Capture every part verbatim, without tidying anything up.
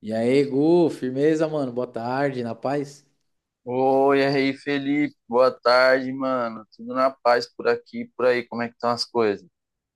E aí, Gu, firmeza, mano? Boa tarde, na paz? Oi, e aí, Felipe. Boa tarde, mano. Tudo na paz por aqui, por aí. Como é que estão as coisas?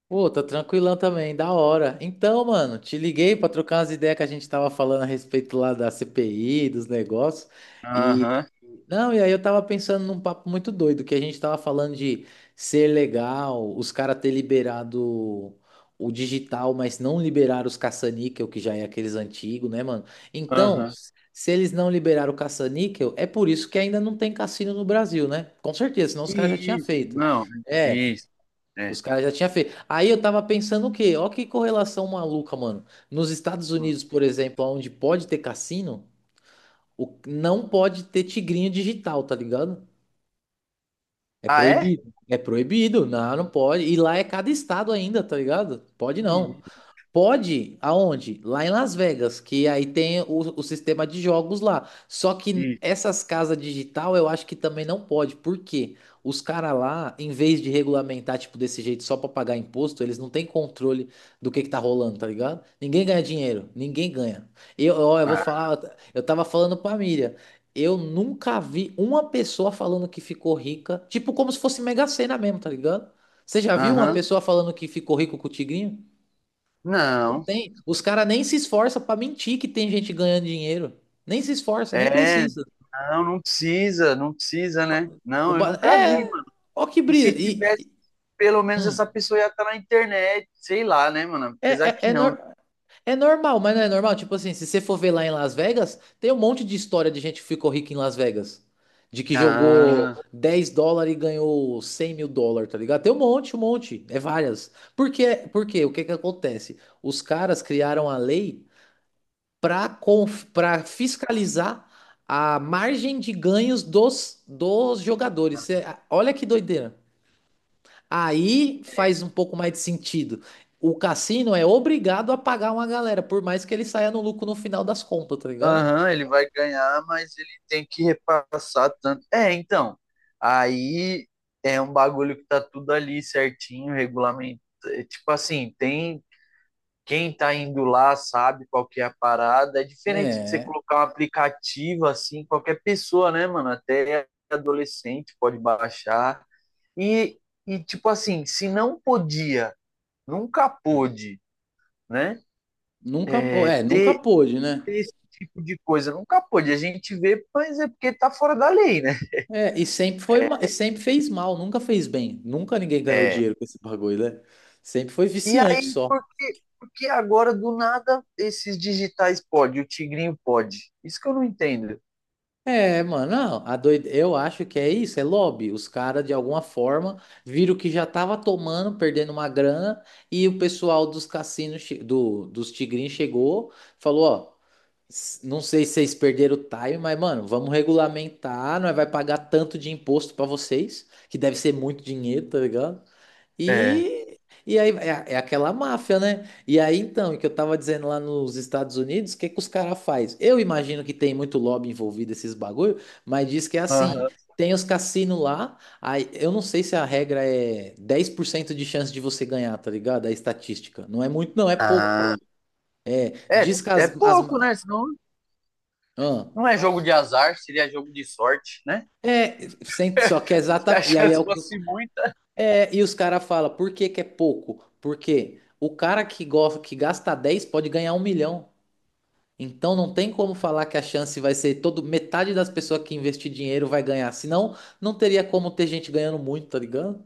Pô, tô tranquilão também, da hora. Então, mano, te liguei pra trocar umas ideias que a gente tava falando a respeito lá da C P I, dos negócios. Aham, Não, e aí eu tava pensando num papo muito doido, que a gente tava falando de ser legal, os caras ter liberado o digital, mas não liberaram os caça-níquel, que já é aqueles antigos, né, mano? Então, aham. se eles não liberaram o caça-níquel, é por isso que ainda não tem cassino no Brasil, né? Com certeza, senão os caras já tinham Isso, feito. não. É, Isso, é. os caras já tinham feito. Aí eu tava pensando o quê? Ó que correlação maluca, mano. Nos Estados Hum. Unidos, por exemplo, onde pode ter cassino, o- não pode ter tigrinho digital, tá ligado? É Ah, é? proibido. É proibido. Não, não pode. E lá é cada estado ainda, tá ligado? Pode Hum. não. Pode? Aonde? Lá em Las Vegas, que aí tem o, o sistema de jogos lá. Só que Isso. essas casas digital eu acho que também não pode. Por quê? Os caras lá, em vez de regulamentar, tipo, desse jeito só pra pagar imposto, eles não têm controle do que que tá rolando, tá ligado? Ninguém ganha dinheiro, ninguém ganha. Eu, ó, eu vou Ah. falar, eu tava falando pra Miriam, eu nunca vi uma pessoa falando que ficou rica, tipo, como se fosse Mega Sena mesmo, tá ligado? Você já viu uma Aham. pessoa falando que ficou rico com o tigrinho? Não Não. tem. Os caras nem se esforçam pra mentir que tem gente ganhando dinheiro. Nem se esforça, nem É, precisa. não, não precisa, não precisa, né? O Não, eu ba... nunca É, vi, é. mano. Ó que E brisa. se E, tivesse, e- pelo menos hum. essa pessoa ia estar na internet, sei lá, né, mano? Apesar É, é, que é, não, né? nor- É normal, mas não é normal. Tipo assim, se você for ver lá em Las Vegas, tem um monte de história de gente que ficou rica em Las Vegas. De que jogou Ah. dez dólares e ganhou cem mil dólares, tá ligado? Tem um monte, um monte. É várias. Por quê? Por quê? O que que acontece? Os caras criaram a lei para fiscalizar a margem de ganhos dos, dos jogadores. Cê- olha que doideira. Aí faz um pouco mais de sentido. O cassino é obrigado a pagar uma galera, por mais que ele saia no lucro no final das contas, tá ligado? Aham, ele vai ganhar, mas ele tem que repassar tanto. É, então, aí é um bagulho que tá tudo ali certinho, regulamento. é, tipo assim, tem quem tá indo lá sabe qual que é a parada. É diferente de você É, colocar um aplicativo assim, qualquer pessoa, né, mano? Até adolescente pode baixar. E, e tipo assim, se não podia, nunca pôde, né? nunca, pô- é, nunca pôde, né? Ter esse tipo de coisa. Nunca pôde. A gente vê, mas é porque tá fora da lei, né? É, e sempre foi, ma- e sempre fez mal, nunca fez bem. Nunca ninguém ganhou É. dinheiro com esse bagulho, né? Sempre foi E viciante aí, só. porque, porque agora, do nada, esses digitais pode, o tigrinho pode. Isso que eu não entendo. É, mano, não, a doide... eu acho que é isso, é lobby. Os caras, de alguma forma, viram que já tava tomando, perdendo uma grana, e o pessoal dos cassinos, che- do, dos tigrinhos chegou, falou, ó, s- não sei se vocês perderam o time, mas, mano, vamos regulamentar, nós vai pagar tanto de imposto pra vocês, que deve ser muito dinheiro, tá ligado? É. E, e aí é, é aquela máfia, né? E aí então, o que eu tava dizendo lá nos Estados Unidos, o que que os caras faz? Eu imagino que tem muito lobby envolvido esses bagulho, mas diz que é assim, Aham. tem os cassinos lá, aí eu não sei se a regra é dez por cento de chance de você ganhar, tá ligado? É estatística. Não é muito, não, é pouco. Ah, é, Diz que é as, as pouco, né? Senão ah, não é jogo de azar, seria jogo de sorte, né? é, sem- só que é Se exata, a e aí é chance o que os- fosse muita. é, e os caras falam, por que que é pouco? Porque o cara que gosta, que gasta dez pode ganhar um milhão. Então não tem como falar que a chance vai ser todo metade das pessoas que investir dinheiro vai ganhar, senão não teria como ter gente ganhando muito, tá ligado?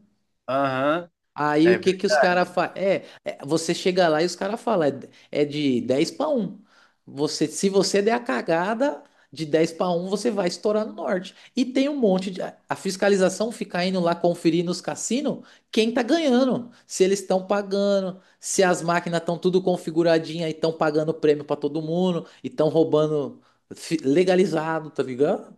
Aham. Aí É, o que ver- que os caras fazem? É, é, você chega lá e os caras falam, é, de- é de dez para um. Você, se você der a cagada de dez para um você vai estourar no norte. E tem um monte de. A a fiscalização fica indo lá conferir nos cassinos quem tá ganhando, se eles estão pagando, se as máquinas estão tudo configuradinha e estão pagando prêmio para todo mundo, e estão roubando fi- legalizado, tá ligado?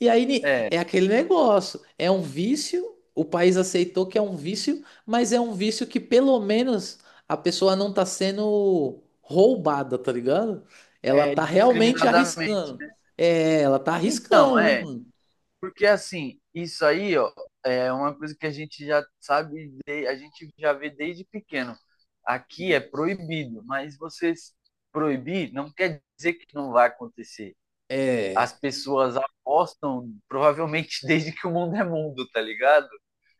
E aí ni- é, é aquele negócio, é um vício. O país aceitou que é um vício, mas é um vício que pelo menos a pessoa não tá sendo roubada, tá ligado? Ela é, tá realmente discriminadamente. arriscando. É, ela tá Não, arriscando, né, é. mano? Porque assim, isso aí, ó, é uma coisa que a gente já sabe, de- a gente já vê desde pequeno. Aqui é proibido, mas vocês proibir não quer dizer que não vai acontecer. As É, pessoas apostam, provavelmente desde que o mundo é mundo, tá ligado?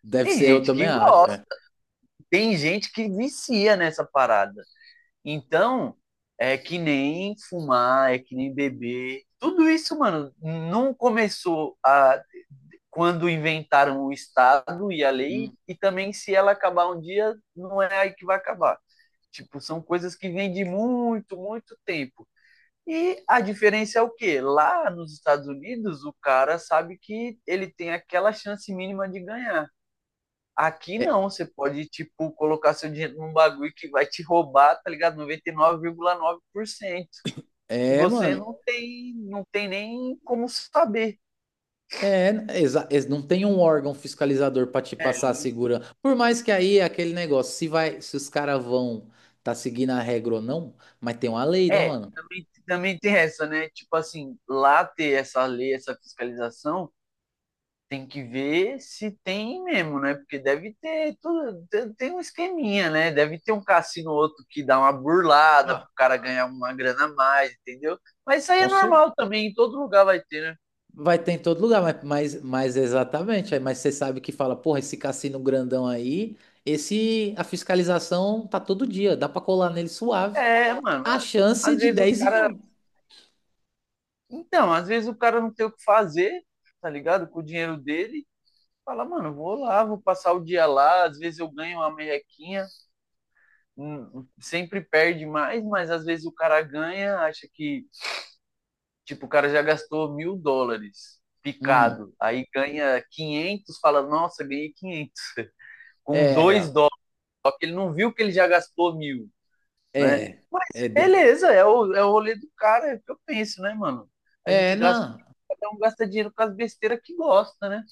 deve Tem ser, eu gente também que acho. É, gosta, tem gente que vicia nessa parada. Então, é que nem fumar, é que nem beber. Tudo isso, mano, não começou a quando inventaram o Estado e a lei, hum. e também se ela acabar um dia, não é aí que vai acabar. Tipo, são coisas que vêm de muito, muito tempo. E a diferença é o quê? Lá nos Estados Unidos, o cara sabe que ele tem aquela chance mínima de ganhar. Aqui É, não, você pode, tipo, colocar seu dinheiro num bagulho que vai te roubar, tá ligado? noventa e nove vírgula nove por cento. E é, nove vírgula nove por cento. E você mano. não tem, não tem nem como saber. É, exa- ex- não tem um órgão fiscalizador pra te É, passar a segurança. Por mais que aí é aquele negócio, se vai, se os caras vão tá seguindo a regra ou não, mas tem uma lei, né, É, mano? também, também tem essa, né? Tipo assim, lá ter essa lei, essa fiscalização, tem que ver se tem mesmo, né? Porque deve ter tudo, tem- tem um esqueminha, né? Deve ter um cassino ou outro que dá uma burlada pro Ah, cara ganhar uma grana a mais, entendeu? Mas isso aí é com certeza. normal também, em todo lugar vai ter, né? Vai ter em todo lugar, mas, mas, mas exatamente. Aí, mas você sabe que fala, porra, esse cassino grandão aí, esse a fiscalização tá todo dia, dá pra colar nele suave. É, mano, A chance é às de vezes o dez em cara, um. então, às vezes o cara não tem o que fazer, tá ligado? Com o dinheiro dele, fala, mano, vou lá, vou passar o dia lá, às vezes eu ganho uma merrequinha, um, um, sempre perde mais, mas às vezes o cara ganha, acha que, tipo, o cara já gastou mil dólares Hum, picado, aí ganha quinhentos, fala, nossa, ganhei quinhentos com é, dois dólares, só que ele não viu que ele já gastou mil, né? é, é, desse- Beleza, é o, é o rolê do cara, é o que eu penso, né, mano? A é, gente gasta, não. cada um gasta dinheiro com as besteiras que gosta, né?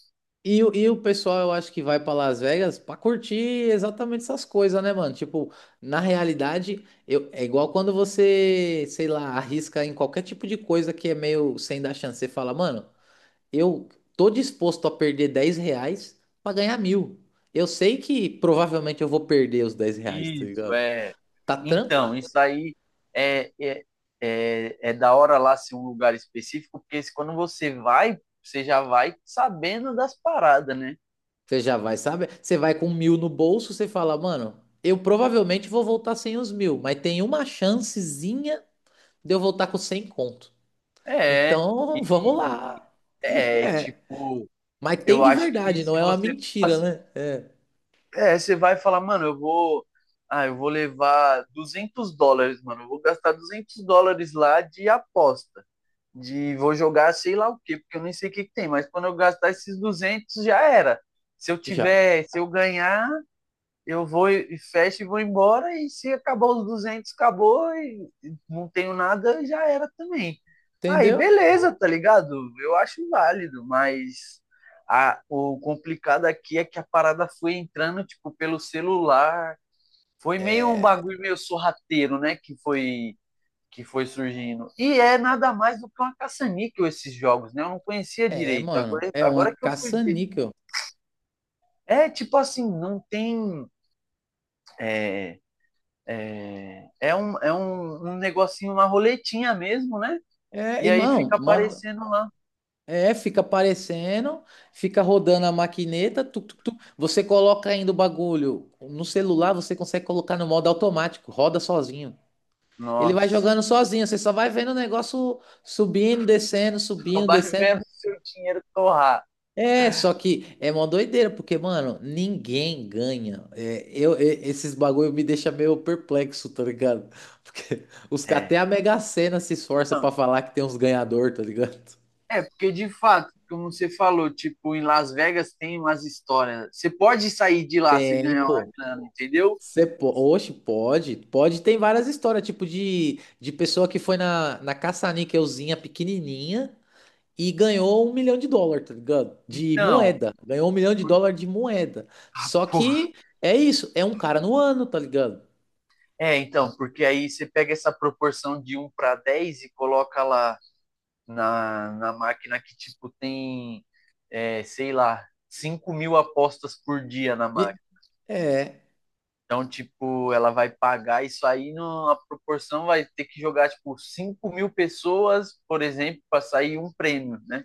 E, o- e o pessoal, eu acho que vai pra Las Vegas pra curtir exatamente essas coisas, né, mano? Tipo, na realidade, eu, é igual quando você, sei lá, arrisca em qualquer tipo de coisa que é meio sem dar chance. Você fala, mano. Eu tô disposto a perder dez reais pra ganhar mil. Eu sei que provavelmente eu vou perder os dez reais, tá Isso, ligado? é. Tá tranquilo. Então, isso aí é, é, é, é da hora lá ser um lugar específico, porque se- quando você vai, você já vai sabendo das paradas, né? Você já vai, sabe? Você vai com mil no bolso, você fala, mano, eu provavelmente vou voltar sem os mil, mas tem uma chancezinha de eu voltar com cem conto. É, Então, vamos e lá. é É. tipo, Mas tem eu de acho que verdade, não se é uma você fala mentira, assim, né? é, você vai falar, mano, eu vou, ah, eu vou levar duzentos dólares, mano, eu vou gastar duzentos dólares lá de aposta. De vou jogar sei lá o quê, porque eu nem sei o que, que tem, mas quando eu gastar esses duzentos já era. Se eu Já. tiver, se eu ganhar, eu vou e fecho e vou embora, e se acabar os duzentos acabou, e não tenho nada, já era também. Aí Entendeu? beleza, tá ligado? Eu acho válido, mas a, o complicado aqui é que a parada foi entrando, tipo, pelo celular. Foi meio um É, bagulho meio sorrateiro, né? Que foi que foi surgindo. E é nada mais do que uma caça-níquel esses jogos, né? Eu não conhecia é, direito. mano. Agora, É uma agora que eu fui ver. caça-níquel. É tipo assim, não tem. É, é, é um, é um, um negocinho, uma roletinha mesmo, né? É, E aí irmão, fica moda. aparecendo lá. É, fica aparecendo, fica rodando a maquineta, tuc, tuc, tuc. Você coloca ainda o bagulho no celular, você consegue colocar no modo automático, roda sozinho. Ele vai Nossa, jogando sozinho, você só vai vendo o negócio subindo, descendo, só subindo, vai descendo. vendo seu dinheiro torrar. É, só que é uma doideira, porque, mano, ninguém ganha. É, eu, e- esses bagulho me deixa meio perplexo, tá ligado? Porque os, É. até a Mega Sena se esforça pra falar que tem uns ganhador, tá ligado? É, porque de fato, como você falou, tipo, em Las Vegas tem umas histórias. Você pode sair de lá se É, ganhar uma pô. grana, entendeu? Você po... Oxe, pode. Pode. Tem várias histórias, tipo de, de pessoa que foi na, na caça-níquelzinha pequenininha e ganhou um milhão de dólar, tá ligado? De Então, moeda. Ganhou um milhão de dólar de moeda. Só pô. que é isso. É um cara no ano, tá ligado? É, então, porque aí você pega essa proporção de um para dez e coloca lá na, na máquina que, tipo, tem, é, sei lá, cinco mil apostas por dia na E- máquina. é. Então, tipo, ela vai pagar isso aí numa proporção, vai ter que jogar, tipo, cinco mil pessoas, por exemplo, para sair um prêmio, né?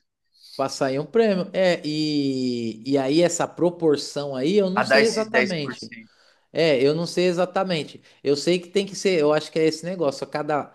Passar aí um prêmio. É, e, e aí essa proporção aí, eu não A dar sei esses dez por exatamente. cento. É, eu não sei exatamente. Eu sei que tem que ser, eu acho que é esse negócio. A cada,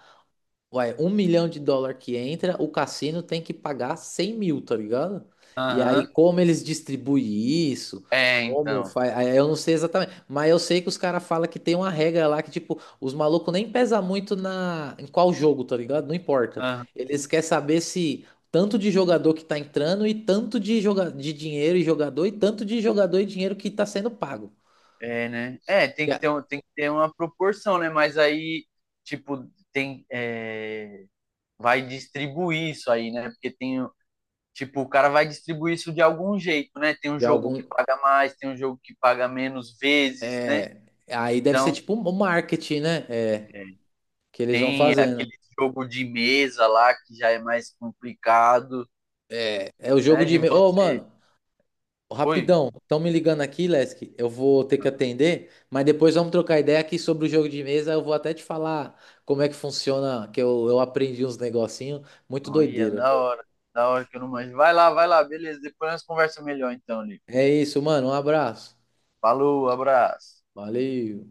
ué, um milhão de dólar que entra, o cassino tem que pagar cem mil, tá ligado? E aí, Aham. como eles distribuem isso, É, como então. faz. Aí eu não sei exatamente, mas eu sei que os caras falam que tem uma regra lá que, tipo, os malucos nem pesa muito na... em qual jogo, tá ligado? Não importa. Aham. Eles querem saber se tanto de jogador que tá entrando e tanto de, joga... de dinheiro e jogador e tanto de jogador e dinheiro que tá sendo pago. É, né? É, tem Já, que ter, um- tem que ter uma proporção, né? Mas aí, tipo, tem. É, vai distribuir isso aí, né? Porque tem, tipo, o cara vai distribuir isso de algum jeito, né? Tem um já jogo algum. que paga mais, tem um jogo que paga menos vezes, né? É... Aí deve ser Então, tipo um marketing, né? É, é, que eles vão tem fazendo. aquele jogo de mesa lá que já é mais complicado, É o jogo né? de. De E-mail. Ô, você. mano, Oi, rapidão, estão me ligando aqui, Lesk. Eu vou ter que atender, mas depois vamos trocar ideia aqui sobre o jogo de mesa. Eu vou até te falar como é que funciona, que eu, eu aprendi uns negocinhos. Muito olha, doideira. da hora, da hora que eu não manjo. Vai lá, vai lá, beleza. Depois nós conversamos melhor então, Lico. É isso, mano. Um abraço. Falou, abraço. Valeu.